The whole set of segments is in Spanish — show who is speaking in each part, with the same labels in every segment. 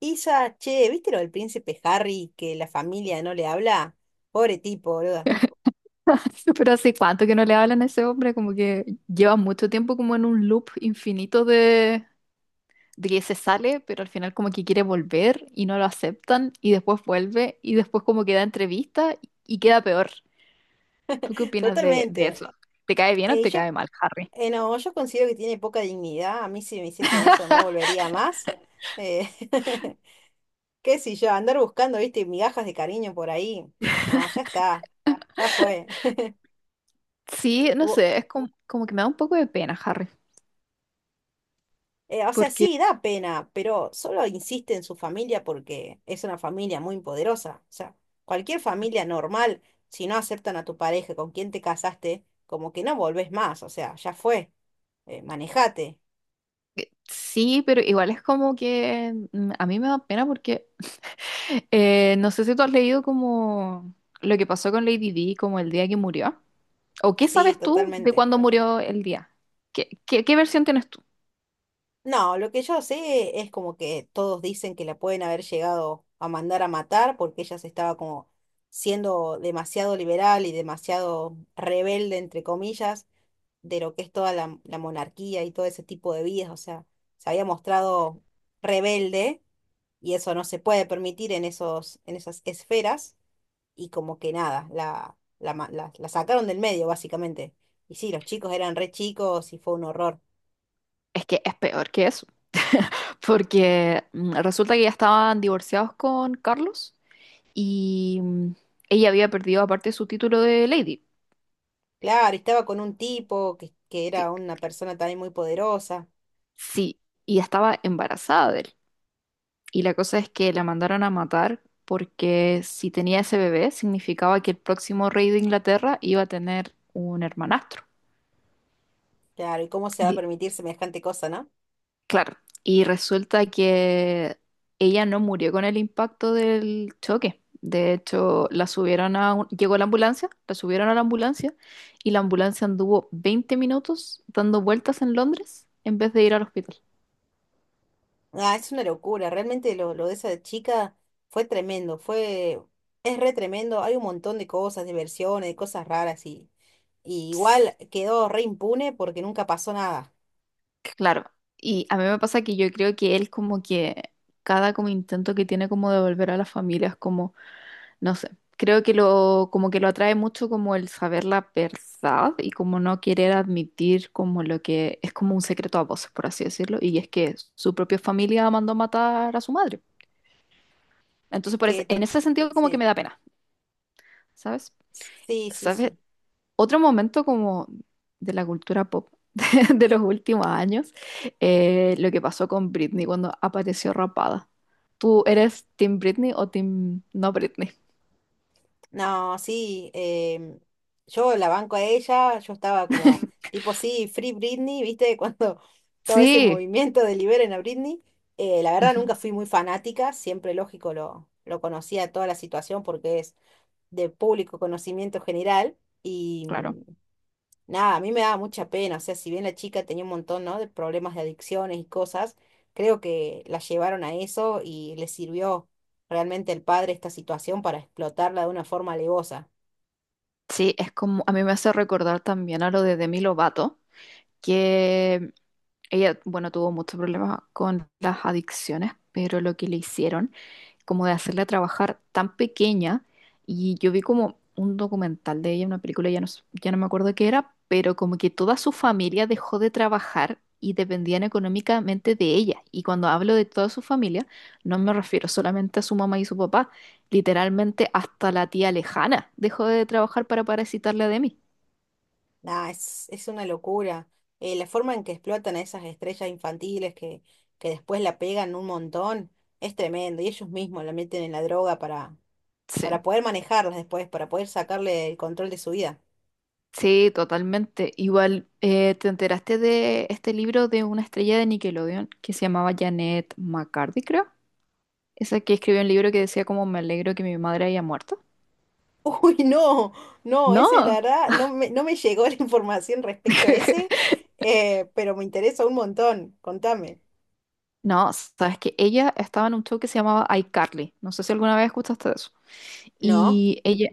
Speaker 1: Isa, che, ¿viste lo del príncipe Harry que la familia no le habla? Pobre tipo, boluda.
Speaker 2: Pero hace cuánto que no le hablan a ese hombre, como que lleva mucho tiempo como en un loop infinito de que se sale, pero al final como que quiere volver y no lo aceptan y después vuelve y después como que da entrevista y queda peor. ¿Tú qué opinas de
Speaker 1: Totalmente.
Speaker 2: eso? ¿Te cae bien o
Speaker 1: Eh, y
Speaker 2: te
Speaker 1: yo,
Speaker 2: cae mal, Harry?
Speaker 1: no, yo considero que tiene poca dignidad. A mí si me hiciesen eso no volvería más. Eh, Qué sé yo, andar buscando, viste, migajas de cariño por ahí. No, ya está. Ya fue.
Speaker 2: Sí, no sé, es como, como que me da un poco de pena, Harry,
Speaker 1: O sea,
Speaker 2: porque
Speaker 1: sí, da pena, pero solo insiste en su familia porque es una familia muy poderosa. O sea, cualquier familia normal, si no aceptan a tu pareja con quien te casaste, como que no volvés más. O sea, ya fue, manejate.
Speaker 2: sí, pero igual es como que a mí me da pena porque no sé si tú has leído como lo que pasó con Lady Di, como el día que murió. ¿O qué
Speaker 1: Sí,
Speaker 2: sabes tú de
Speaker 1: totalmente.
Speaker 2: cuándo murió el día? ¿Qué versión tienes tú?
Speaker 1: No, lo que yo sé es como que todos dicen que la pueden haber llegado a mandar a matar porque ella se estaba como siendo demasiado liberal y demasiado rebelde, entre comillas de lo que es toda la monarquía y todo ese tipo de vidas, o sea, se había mostrado rebelde y eso no se puede permitir en esos, en esas esferas y como que nada, la sacaron del medio básicamente. Y sí, los chicos eran re chicos y fue un horror.
Speaker 2: Es que es peor que eso, porque resulta que ya estaban divorciados con Carlos y ella había perdido aparte su título de Lady.
Speaker 1: Claro, y estaba con un tipo que era
Speaker 2: que-
Speaker 1: una persona también muy poderosa.
Speaker 2: sí, y estaba embarazada de él. Y la cosa es que la mandaron a matar porque si tenía ese bebé significaba que el próximo rey de Inglaterra iba a tener un hermanastro.
Speaker 1: Claro, ¿y cómo se va a
Speaker 2: Y
Speaker 1: permitir semejante cosa, no?
Speaker 2: claro, y resulta que ella no murió con el impacto del choque. De hecho, la subieron a un- llegó la ambulancia, la subieron a la ambulancia y la ambulancia anduvo 20 minutos dando vueltas en Londres en vez de ir al hospital.
Speaker 1: Ah, es una locura, realmente lo de esa chica fue tremendo, es re tremendo, hay un montón de cosas, de versiones, de cosas raras y igual quedó re impune porque nunca pasó nada.
Speaker 2: Claro, y a mí me pasa que yo creo que él como que cada como intento que tiene como de volver a la familia es como, no sé, creo que lo atrae mucho como el saber la verdad y como no querer admitir como lo que es como un secreto a voces, por así decirlo, y es que su propia familia mandó matar a su madre. Entonces,
Speaker 1: Que
Speaker 2: en
Speaker 1: to-
Speaker 2: ese sentido como que me
Speaker 1: sí,
Speaker 2: da pena, ¿sabes?
Speaker 1: sí, sí,
Speaker 2: ¿Sabes?
Speaker 1: sí.
Speaker 2: Otro momento como de la cultura pop de los últimos años, lo que pasó con Britney cuando apareció rapada. ¿Tú eres Team Britney o Team no Britney?
Speaker 1: No, sí, yo la banco a ella, yo estaba como tipo, sí, Free Britney, ¿viste? Cuando estaba ese
Speaker 2: Sí,
Speaker 1: movimiento de liberen a Britney, la verdad
Speaker 2: ujú,
Speaker 1: nunca fui muy fanática, siempre lógico lo conocía toda la situación porque es de público conocimiento general y
Speaker 2: claro.
Speaker 1: nada, a mí me daba mucha pena, o sea, si bien la chica tenía un montón, ¿no? de problemas de adicciones y cosas, creo que la llevaron a eso y le sirvió realmente al padre esta situación para explotarla de una forma alevosa.
Speaker 2: Sí, es como, a mí me hace recordar también a lo de Demi Lovato, que ella, bueno, tuvo muchos problemas con las adicciones, pero lo que le hicieron como de hacerla trabajar tan pequeña. Y yo vi como un documental de ella, una película, ya no me acuerdo qué era, pero como que toda su familia dejó de trabajar y dependían económicamente de ella. Y cuando hablo de toda su familia, no me refiero solamente a su mamá y su papá, literalmente hasta la tía lejana dejó de trabajar para parasitarla de mí.
Speaker 1: Nada, es una locura. La forma en que explotan a esas estrellas infantiles que después la pegan un montón es tremendo y ellos mismos la meten en la droga
Speaker 2: Sí,
Speaker 1: para poder manejarlas después, para poder sacarle el control de su vida.
Speaker 2: sí, totalmente. Igual, ¿te enteraste de este libro de una estrella de Nickelodeon que se llamaba Janet McCarthy, creo? Esa que escribió un libro que decía como me alegro que mi madre haya muerto.
Speaker 1: Uy, no, no, ese la
Speaker 2: No,
Speaker 1: verdad no me llegó la información respecto a ese, pero me interesa un montón, contame.
Speaker 2: no, sabes que ella estaba en un show que se llamaba iCarly. No sé si alguna vez escuchaste de eso.
Speaker 1: ¿No?
Speaker 2: Y ella,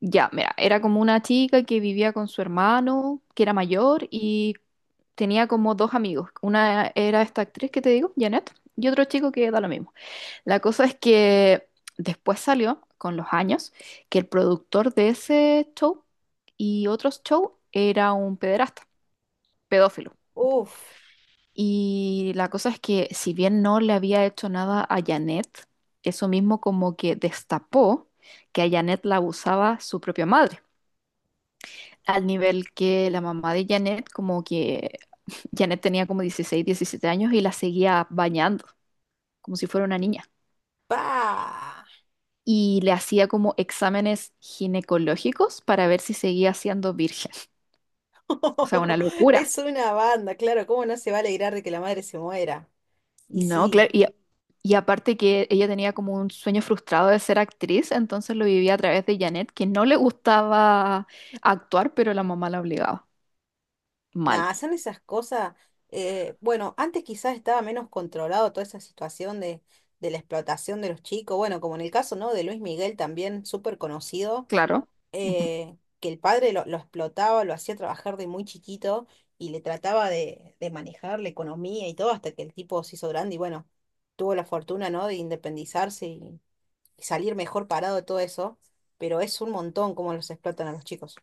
Speaker 2: ya, mira, era como una chica que vivía con su hermano, que era mayor, y tenía como dos amigos. Una era esta actriz que te digo, Janet, y otro chico que da lo mismo. La cosa es que después salió, con los años, que el productor de ese show y otros shows era un pederasta, pedófilo.
Speaker 1: Uf,
Speaker 2: Y la cosa es que si bien no le había hecho nada a Janet, eso mismo como que destapó que a Janet la abusaba su propia madre. Al nivel que la mamá de Janet, como que Janet tenía como 16, 17 años y la seguía bañando, como si fuera una niña.
Speaker 1: pa.
Speaker 2: Y le hacía como exámenes ginecológicos para ver si seguía siendo virgen. O sea, una locura.
Speaker 1: Es una banda, claro, ¿cómo no se va a alegrar de que la madre se muera? Y
Speaker 2: No,
Speaker 1: sí,
Speaker 2: claro. Y aparte que ella tenía como un sueño frustrado de ser actriz, entonces lo vivía a través de Janet, que no le gustaba actuar, pero la mamá la obligaba. Mal,
Speaker 1: nada, son esas cosas, bueno, antes quizás estaba menos controlado toda esa situación de la explotación de los chicos, bueno, como en el caso, ¿no? de Luis Miguel también, súper conocido,
Speaker 2: claro. Ujú.
Speaker 1: que el padre lo explotaba, lo hacía trabajar de muy chiquito y le trataba de manejar la economía y todo hasta que el tipo se hizo grande y bueno, tuvo la fortuna, ¿no? de independizarse y salir mejor parado de todo eso, pero es un montón cómo los explotan a los chicos.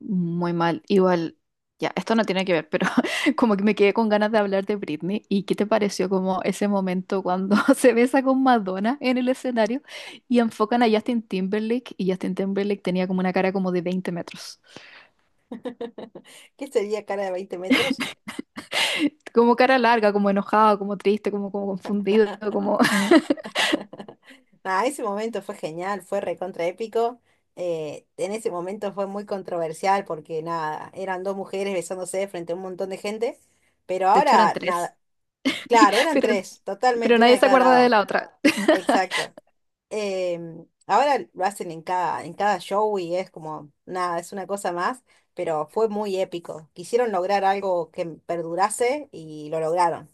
Speaker 2: Muy mal. Igual, ya, esto no tiene que ver, pero como que me quedé con ganas de hablar de Britney. ¿Y qué te pareció como ese momento cuando se besa con Madonna en el escenario y enfocan a Justin Timberlake y Justin Timberlake tenía como una cara como de veinte metros?
Speaker 1: ¿Qué sería cara de 20 metros?
Speaker 2: Como cara larga, como enojado, como triste, como, como confundido, como...
Speaker 1: Nada, ese momento fue genial, fue recontra épico. En ese momento fue muy controversial porque nada, eran dos mujeres besándose frente a un montón de gente, pero
Speaker 2: De hecho eran
Speaker 1: ahora nada.
Speaker 2: tres,
Speaker 1: Claro, eran
Speaker 2: pero,
Speaker 1: tres,
Speaker 2: pero
Speaker 1: totalmente, una
Speaker 2: nadie
Speaker 1: de
Speaker 2: se
Speaker 1: cada
Speaker 2: acuerda de
Speaker 1: lado.
Speaker 2: la otra.
Speaker 1: Exacto. Ahora lo hacen en cada show y es como, nada, es una cosa más, pero fue muy épico. Quisieron lograr algo que perdurase y lo lograron.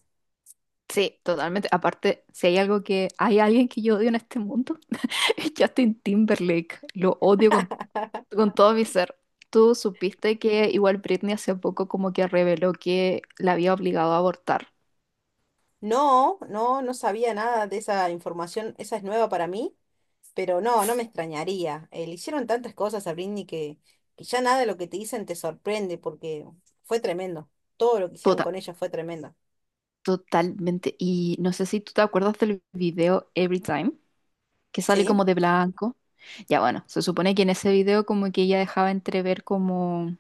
Speaker 2: Sí, totalmente. Aparte, si hay algo que... Hay alguien que yo odio en este mundo, es Justin Timberlake. Lo odio con todo mi ser. Tú supiste que igual Britney hace poco como que reveló que la había obligado a abortar.
Speaker 1: No, no, no sabía nada de esa información, esa es nueva para mí, pero no, no me extrañaría. Le hicieron tantas cosas a Britney que ya nada de lo que te dicen te sorprende porque fue tremendo. Todo lo que hicieron
Speaker 2: Total,
Speaker 1: con ella fue tremendo.
Speaker 2: totalmente. Y no sé si tú te acuerdas del video Every Time, que sale
Speaker 1: Sí,
Speaker 2: como de blanco. Ya bueno, se supone que en ese video como que ella dejaba entrever como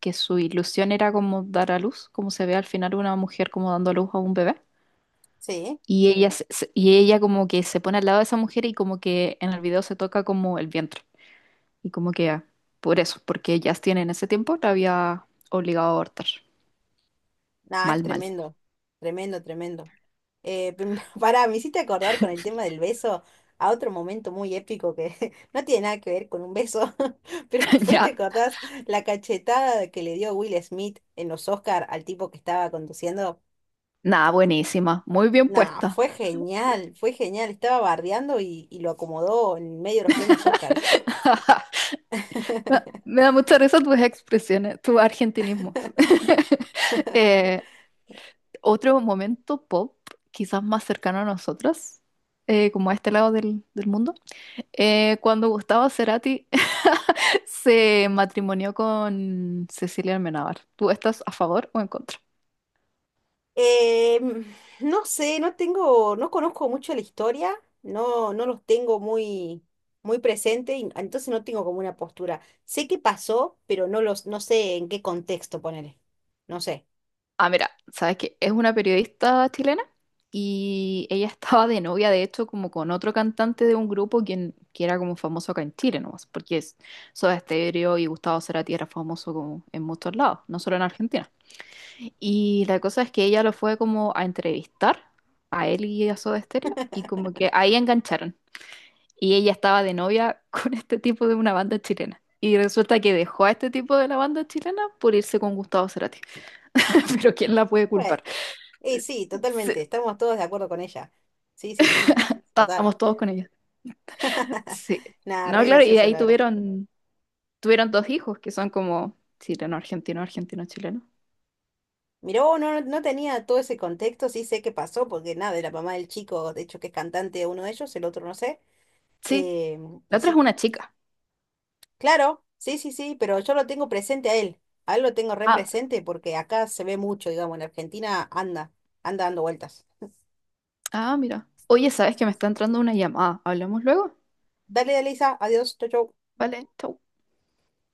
Speaker 2: que su ilusión era como dar a luz, como se ve al final una mujer como dando a luz a un bebé.
Speaker 1: sí.
Speaker 2: Y ella, y ella como que se pone al lado de esa mujer y como que en el video se toca como el vientre. Y como que ah, por eso, porque Justin en ese tiempo la había obligado a abortar.
Speaker 1: Nah, es
Speaker 2: Mal, mal.
Speaker 1: tremendo, tremendo, tremendo. Pará, me hiciste acordar con el tema del beso a otro momento muy épico que no tiene nada que ver con un beso, pero fue, ¿te
Speaker 2: ¿Ya?
Speaker 1: acordás la cachetada que le dio Will Smith en los Oscar al tipo que estaba conduciendo?
Speaker 2: Nada, buenísima. Muy bien
Speaker 1: Nah,
Speaker 2: puesta.
Speaker 1: fue genial, fue genial. Estaba bardeando y lo acomodó en medio de los premios Oscars.
Speaker 2: Me me da mucha risa tus expresiones, tus argentinismos. Eh, otro momento pop, quizás más cercano a nosotras, como a este lado del mundo, cuando Gustavo Cerati se matrimonió con Cecilia Almenábar. ¿Tú estás a favor o en contra?
Speaker 1: Eh, no sé, no tengo, no conozco mucho la historia, no los tengo muy, muy presente, y entonces no tengo como una postura. Sé qué pasó, pero no sé en qué contexto ponerle. No sé.
Speaker 2: Ah, mira, sabes que es una periodista chilena y ella estaba de novia, de hecho, como con otro cantante de un grupo que era como famoso acá en Chile nomás, porque es Soda Stereo y Gustavo Cerati era famoso como en muchos lados, no solo en Argentina. Y la cosa es que ella lo fue como a entrevistar a él y a Soda Stereo y como que ahí engancharon. Y ella estaba de novia con este tipo de una banda chilena. Y resulta que dejó a este tipo de la banda chilena por irse con Gustavo Cerati. Pero ¿quién la puede
Speaker 1: Bueno,
Speaker 2: culpar?
Speaker 1: sí,
Speaker 2: Sí,
Speaker 1: totalmente, estamos todos de acuerdo con ella. Sí, sí, sí, total.
Speaker 2: estábamos todos con ellos. Sí.
Speaker 1: Nada,
Speaker 2: No,
Speaker 1: re
Speaker 2: claro, y de
Speaker 1: gracioso,
Speaker 2: ahí
Speaker 1: la verdad.
Speaker 2: tuvieron dos hijos que son como chileno, argentino, argentino, chileno.
Speaker 1: Mirá, vos, no tenía todo ese contexto, sí sé qué pasó, porque nada, de la mamá del chico, de hecho que es cantante uno de ellos, el otro no sé.
Speaker 2: Sí, la
Speaker 1: Y
Speaker 2: otra es
Speaker 1: sí.
Speaker 2: una chica.
Speaker 1: Claro, sí, sí, sí, pero yo lo tengo presente a él. A él lo tengo re
Speaker 2: Ah,
Speaker 1: presente porque acá se ve mucho, digamos, en Argentina anda dando vueltas.
Speaker 2: ah, mira. Oye, ¿sabes que
Speaker 1: Sí,
Speaker 2: me
Speaker 1: sí.
Speaker 2: está entrando una llamada? ¿Hablamos luego?
Speaker 1: Dale, Elisa, adiós, chau, chau.
Speaker 2: Vale, chau.